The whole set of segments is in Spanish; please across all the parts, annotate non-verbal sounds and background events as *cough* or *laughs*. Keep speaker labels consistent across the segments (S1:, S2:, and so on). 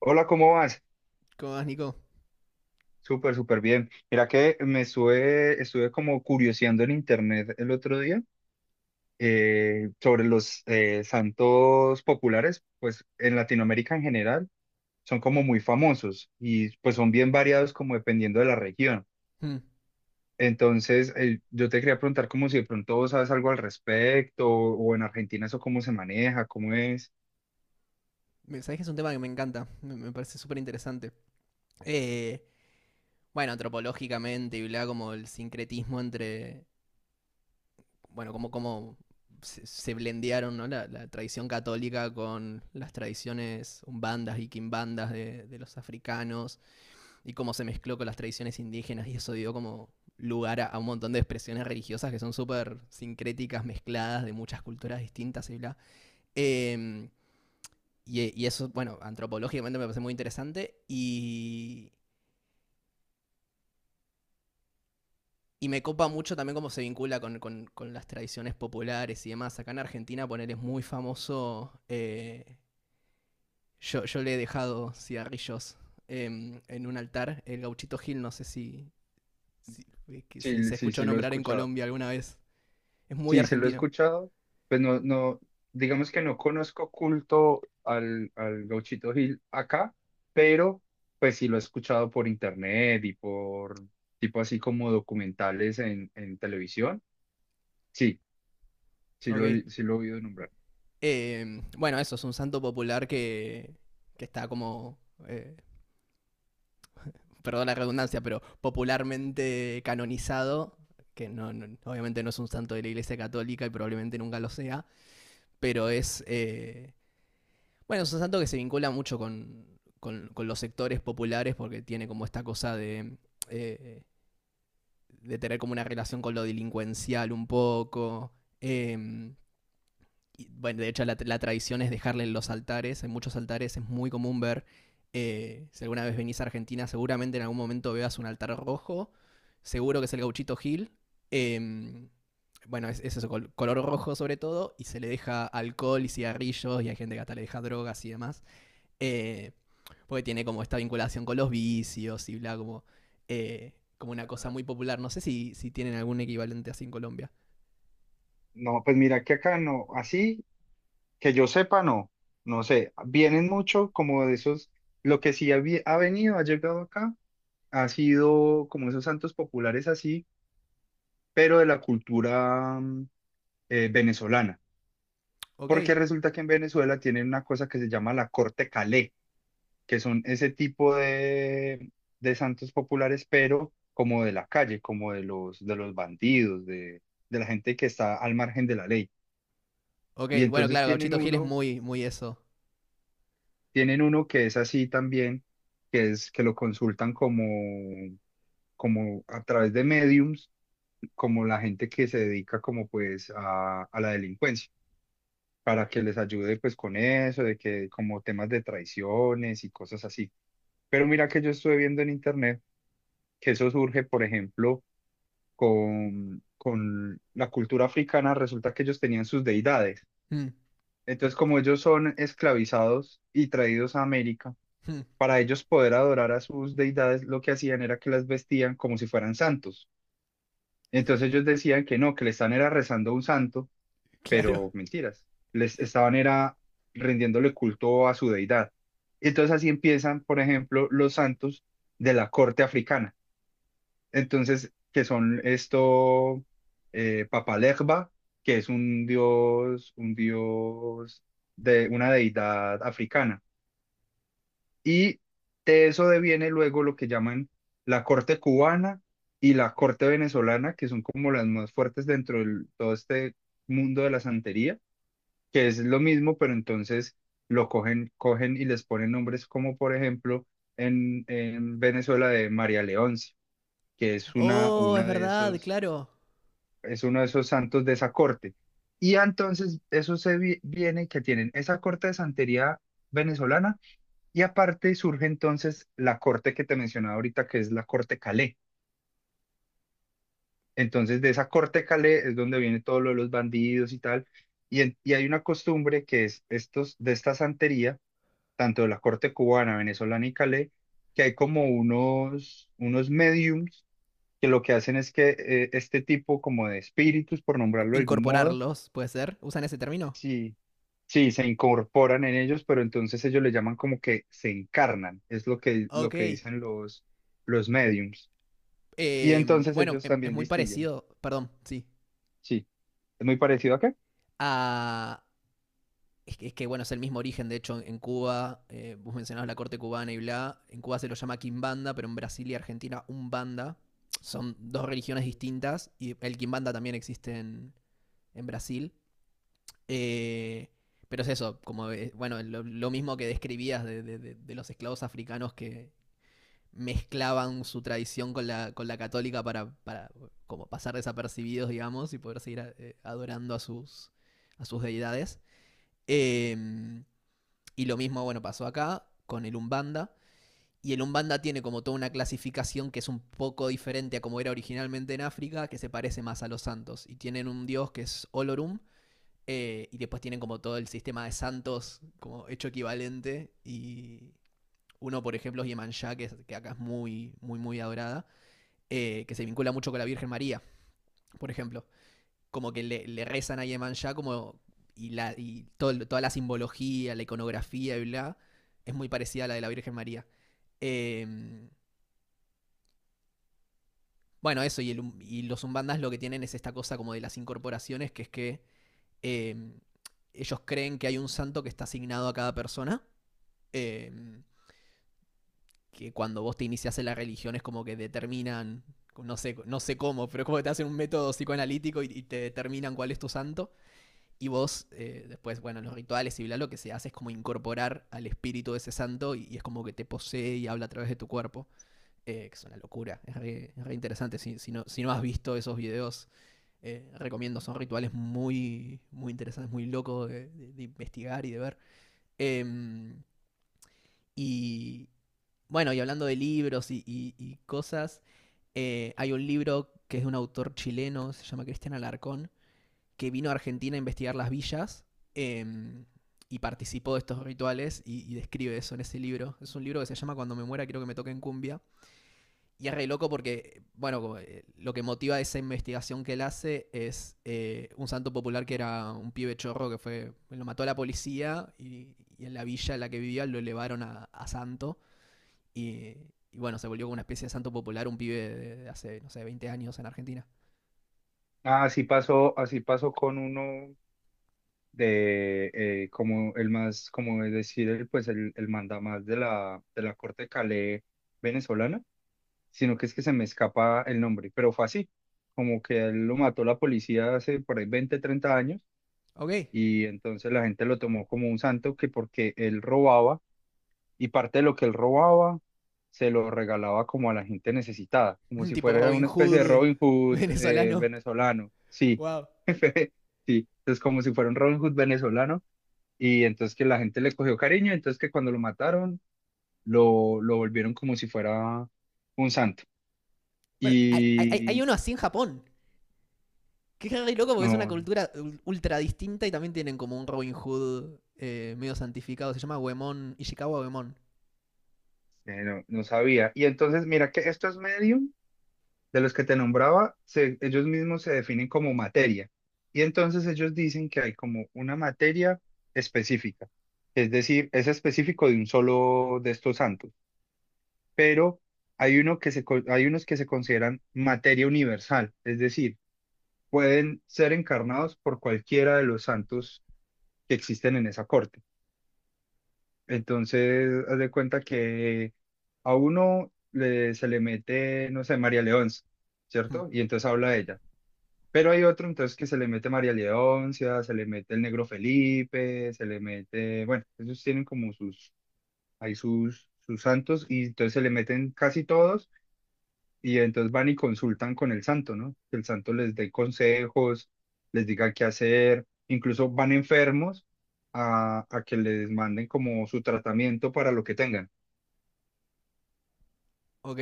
S1: Hola, ¿cómo vas?
S2: ¿Cómo vas, Nico?
S1: Súper, súper bien. Mira que me estuve como curioseando en internet el otro día sobre los santos populares, pues en Latinoamérica en general son como muy famosos y pues son bien variados como dependiendo de la región.
S2: Hmm.
S1: Entonces, yo te quería preguntar como si de pronto vos sabes algo al respecto o, en Argentina eso cómo se maneja, cómo es.
S2: Sabés que es un tema que me encanta, me parece súper interesante. Eh, bueno, antropológicamente y bla, como el sincretismo entre, bueno, como se blendearon ¿no? la tradición católica con las tradiciones umbandas y quimbandas de los africanos y cómo se mezcló con las tradiciones indígenas y eso dio como lugar a un montón de expresiones religiosas que son súper sincréticas, mezcladas de muchas culturas distintas y bla. Em, y eso, bueno, antropológicamente me parece muy interesante y me copa mucho también cómo se vincula con, con las tradiciones populares y demás. Acá en Argentina, poner es muy famoso. Yo le he dejado cigarrillos en un altar. El gauchito Gil, no sé si, si
S1: Sí,
S2: se
S1: sí,
S2: escuchó
S1: sí lo he
S2: nombrar en
S1: escuchado.
S2: Colombia alguna vez. Es muy
S1: Sí, se lo he
S2: argentino.
S1: escuchado, pues no, no, digamos que no conozco culto al Gauchito Gil acá, pero pues sí lo he escuchado por internet y por tipo así como documentales en televisión. Sí, sí
S2: Ok.
S1: lo, sí lo he oído nombrar.
S2: Bueno, eso es un santo popular que está como eh, perdón la redundancia, pero popularmente canonizado, que obviamente no es un santo de la Iglesia Católica y probablemente nunca lo sea, pero es, bueno, es un santo que se vincula mucho con, con los sectores populares porque tiene como esta cosa eh, de tener como una relación con lo delincuencial un poco. eh, y, bueno, de hecho la tradición es dejarle en los altares, en muchos altares es muy común ver, si alguna vez venís a Argentina, seguramente en algún momento veas un altar rojo, seguro que es el gauchito Gil, eh, bueno, es eso, color rojo sobre todo, y se le deja alcohol y cigarrillos, y hay gente que hasta le deja drogas y demás, eh, porque tiene como esta vinculación con los vicios y bla, como, eh, como una cosa muy popular, no sé si, si tienen algún equivalente así en Colombia.
S1: No, pues mira que acá no, así que yo sepa no, no sé, vienen mucho como de esos, lo que sí ha, ha venido, ha llegado acá, ha sido como esos santos populares así, pero de la cultura. Venezolana,
S2: Ok,
S1: porque resulta que en Venezuela tienen una cosa que se llama la corte Calé, que son ese tipo de santos populares, pero como de la calle, como de los bandidos, de la gente que está al margen de la ley.
S2: ok,
S1: Y
S2: bueno, claro, Gauchito Gil es muy, muy eso.
S1: tienen uno que es así también, que es que lo consultan como, como a través de mediums, como la gente que se dedica como pues a la delincuencia. Para que les ayude pues con eso, de que como temas de traiciones y cosas así. Pero mira que yo estuve viendo en internet que eso surge, por ejemplo, con la cultura africana, resulta que ellos tenían sus deidades.
S2: Mm,
S1: Entonces, como ellos son esclavizados y traídos a América,
S2: mm.
S1: para ellos poder adorar a sus deidades, lo que hacían era que las vestían como si fueran santos. Entonces ellos decían que no, que le están era rezando a un santo,
S2: *laughs* Claro.
S1: pero mentiras. Les estaban era rindiéndole culto a su deidad. Entonces así empiezan, por ejemplo, los santos de la corte africana. Entonces, que son esto, Papalegba, que es un dios de una deidad africana. Y de eso deviene luego lo que llaman la corte cubana y la corte venezolana, que son como las más fuertes dentro de todo este mundo de la santería, que es lo mismo, pero entonces lo cogen, cogen y les ponen nombres como por ejemplo en Venezuela de María Leonce, que es una,
S2: Oh, es
S1: uno de
S2: verdad,
S1: esos,
S2: claro.
S1: es uno de esos santos de esa corte. Y entonces eso se viene que tienen esa corte de santería venezolana y aparte surge entonces la corte que te mencionaba ahorita, que es la corte Calé. Entonces de esa corte Calé es donde viene todo lo de los bandidos y tal. Y, y hay una costumbre que es estos, de esta santería tanto de la corte cubana, venezolana y calé, que hay como unos, unos mediums que lo que hacen es que este tipo como de espíritus, por nombrarlo de algún modo,
S2: ¿Incorporarlos, puede ser? ¿Usan ese término?
S1: sí, sí, se incorporan en ellos, pero entonces ellos le llaman como que se encarnan, es lo
S2: Ok.
S1: que dicen los mediums. Y entonces
S2: Bueno,
S1: ellos
S2: es
S1: también
S2: muy
S1: distinguen,
S2: parecido, perdón, sí.
S1: sí, es muy parecido acá.
S2: A... Es que, bueno, es el mismo origen, de hecho, en Cuba, vos mencionabas la corte cubana y bla, en Cuba se lo llama quimbanda, pero en Brasil y Argentina umbanda. Son dos religiones distintas y el quimbanda también existe en Brasil. Eh, pero es eso, como bueno, lo mismo que describías de, de los esclavos africanos que mezclaban su tradición con la católica para como pasar desapercibidos, digamos, y poder seguir adorando a sus deidades. Eh, y lo mismo, bueno, pasó acá con el Umbanda. Y el Umbanda tiene como toda una clasificación que es un poco diferente a como era originalmente en África, que se parece más a los santos. Y tienen un dios que es Olorum, y después tienen como todo el sistema de santos como hecho equivalente. Y uno, por ejemplo, es Yemanjá, que acá es muy, muy, muy adorada, que se vincula mucho con la Virgen María, por ejemplo. Como que le rezan a Yemanjá como, y, la, y todo toda la simbología, la iconografía y bla, es muy parecida a la de la Virgen María. Eh, bueno, eso, y, y los umbandas lo que tienen es esta cosa como de las incorporaciones, que es que eh, ellos creen que hay un santo que está asignado a cada persona eh, que cuando vos te inicias en la religión es como que determinan, no sé, no sé cómo, pero como que te hacen un método psicoanalítico y te determinan cuál es tu santo. Y vos, después, bueno, los rituales y bla, lo que se hace es como incorporar al espíritu de ese santo y es como que te posee y habla a través de tu cuerpo. Que es una locura, es re interesante. Si, si, no, si no has visto esos videos, recomiendo. Son rituales muy, muy interesantes, muy locos de, de investigar y de ver. Em, Y bueno, y hablando de libros y, y cosas, hay un libro que es de un autor chileno, se llama Cristian Alarcón, que vino a Argentina a investigar las villas em, y participó de estos rituales y describe eso en ese libro. Es un libro que se llama Cuando me muera quiero que me toquen cumbia. Y es re loco porque, bueno, como, lo que motiva esa investigación que él hace es un santo popular que era un pibe chorro que fue, lo mató a la policía y en la villa en la que vivía lo elevaron a santo. Y, y bueno, se volvió como una especie de santo popular un pibe de hace, no sé, 20 años en Argentina.
S1: Ah, así pasó, así pasó con uno de como el más, como es decir, el, pues el mandamás de la corte Calais venezolana, sino que es que se me escapa el nombre, pero fue así, como que a él lo mató la policía hace por ahí 20 30 años
S2: Ok.
S1: y entonces la gente lo tomó como un santo, que porque él robaba y parte de lo que él robaba se lo regalaba como a la gente necesitada, como
S2: *laughs*
S1: si
S2: Tipo
S1: fuera
S2: Robin
S1: una especie de
S2: Hood
S1: Robin
S2: *laughs*
S1: Hood
S2: venezolano.
S1: venezolano, sí.
S2: Wow.
S1: *laughs* Sí, es como si fuera un Robin Hood venezolano, y entonces que la gente le cogió cariño, entonces que cuando lo mataron, lo volvieron como si fuera un santo.
S2: Bueno, hay, hay
S1: Y
S2: uno así en Japón. Que es re loco porque es una
S1: no,
S2: cultura ultra distinta y también tienen como un Robin Hood medio santificado. Se llama Uemon, Ishikawa Uemon.
S1: no, no sabía. Y entonces, mira que estos medium de los que te nombraba, ellos mismos se definen como materia. Y entonces ellos dicen que hay como una materia específica. Es decir, es específico de un solo de estos santos. Pero hay uno que se, hay unos que se consideran materia universal. Es decir, pueden ser encarnados por cualquiera de los santos que existen en esa corte. Entonces, haz de cuenta que a uno le, se le mete, no sé, María Leonza,
S2: Hmm.
S1: ¿cierto? Y entonces habla de ella. Pero hay otro entonces que se le mete María Leoncia, se le mete el negro Felipe, se le mete, bueno, ellos tienen como sus, hay sus, sus santos y entonces se le meten casi todos. Y entonces van y consultan con el santo, ¿no? Que el santo les dé consejos, les diga qué hacer, incluso van enfermos a que les manden como su tratamiento para lo que tengan.
S2: Ok.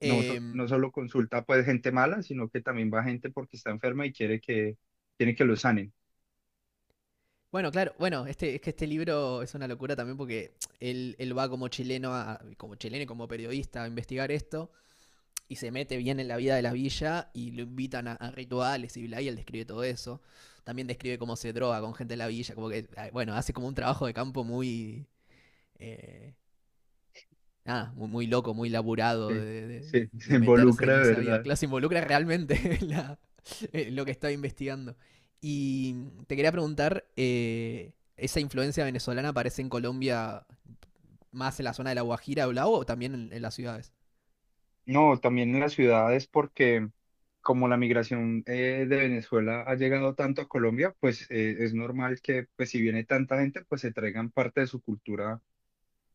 S1: No,
S2: Em,
S1: no solo consulta pues gente mala, sino que también va gente porque está enferma y quiere que lo sanen.
S2: bueno, claro, bueno, este, es que este libro es una locura también porque él va como chileno, como chileno y como periodista a investigar esto. Y se mete bien en la vida de la villa y lo invitan a rituales y bla, y él describe todo eso. También describe cómo se droga con gente de la villa, como que, ah, bueno, hace como un trabajo de campo muy, eh, nada, muy, muy loco, muy laburado
S1: Sí,
S2: de, de-
S1: sí, *laughs* se
S2: de meterse en
S1: involucra de
S2: esa vida.
S1: verdad.
S2: Claro, se involucra realmente *laughs* en, la- en lo que está investigando. Y te quería preguntar, ¿esa influencia venezolana aparece en Colombia más en la zona de La Guajira o Blau o también en las ciudades?
S1: No, también en las ciudades porque como la migración de Venezuela ha llegado tanto a Colombia, pues es normal que pues si viene tanta gente, pues se traigan parte de su cultura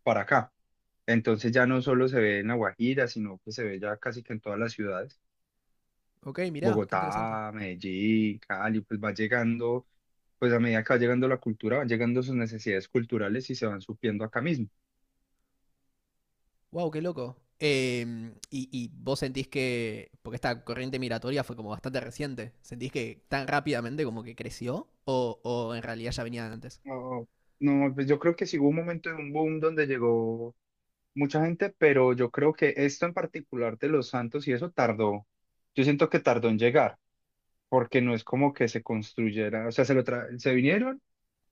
S1: para acá. Entonces ya no solo se ve en La Guajira, sino que se ve ya casi que en todas las ciudades.
S2: Ok, mirá, qué interesante.
S1: Bogotá, Medellín, Cali, pues va llegando, pues a medida que va llegando la cultura, van llegando sus necesidades culturales y se van supliendo acá mismo.
S2: Wow, qué loco. Y, y vos sentís que, porque esta corriente migratoria fue como bastante reciente, ¿sentís que tan rápidamente como que creció o en realidad ya venía de antes?
S1: No, no, pues yo creo que sí hubo un momento de un boom donde llegó mucha gente, pero yo creo que esto en particular de los Santos y eso tardó, yo siento que tardó en llegar, porque no es como que se construyera, o sea, se lo se vinieron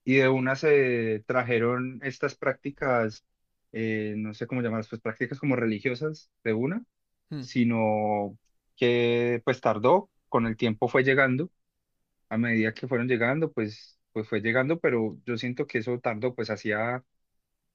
S1: y de una se trajeron estas prácticas, no sé cómo llamarlas, pues prácticas como religiosas de una,
S2: Hmm.
S1: sino que pues tardó, con el tiempo fue llegando, a medida que fueron llegando, pues, pues fue llegando, pero yo siento que eso tardó, pues hacía.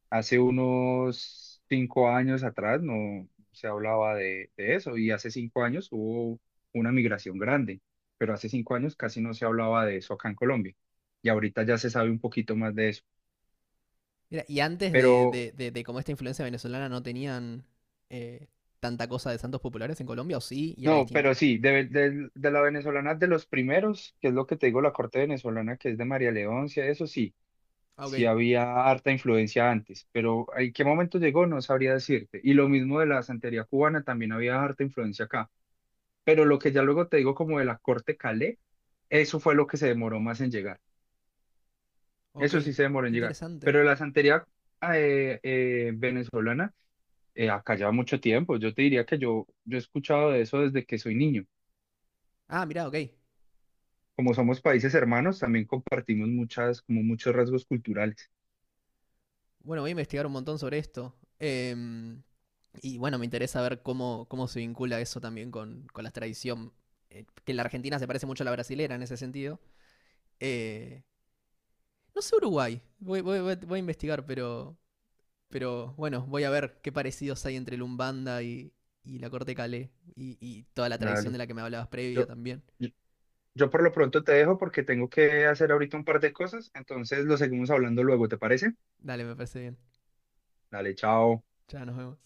S1: Hace unos 5 años atrás no se hablaba de eso y hace 5 años hubo una migración grande, pero hace 5 años casi no se hablaba de eso acá en Colombia y ahorita ya se sabe un poquito más de eso.
S2: Mira, y antes de,
S1: Pero
S2: de como esta influencia venezolana no tenían eh, tanta cosa de santos populares en Colombia, o sí, y era
S1: no,
S2: distinto.
S1: pero sí, de, de la venezolana de los primeros, que es lo que te digo, la corte venezolana que es de María Leoncia, eso sí,
S2: Ah, ok,
S1: sí había harta influencia antes, pero ¿en qué momento llegó? No sabría decirte. Y lo mismo de la santería cubana, también había harta influencia acá. Pero lo que ya luego te digo como de la Corte Calais, eso fue lo que se demoró más en llegar.
S2: ok,
S1: Eso sí
S2: qué
S1: se demoró en llegar.
S2: interesante.
S1: Pero la santería venezolana, acá lleva mucho tiempo. Yo te diría que yo he escuchado de eso desde que soy niño.
S2: Ah, mira, ok.
S1: Como somos países hermanos, también compartimos muchas, como muchos rasgos culturales.
S2: Bueno, voy a investigar un montón sobre esto. Y bueno, me interesa ver cómo, cómo se vincula eso también con la tradición. Eh, que en la Argentina se parece mucho a la brasilera en ese sentido. Eh, no sé Uruguay. Voy, voy a investigar, pero. Pero bueno, voy a ver qué parecidos hay entre el Umbanda y la corte calé. Y toda la tradición
S1: Dale.
S2: de la que me hablabas previa
S1: Yo,
S2: también.
S1: yo, yo por lo pronto te dejo porque tengo que hacer ahorita un par de cosas. Entonces lo seguimos hablando luego, ¿te parece?
S2: Dale, me parece bien.
S1: Dale, chao.
S2: Ya nos vemos.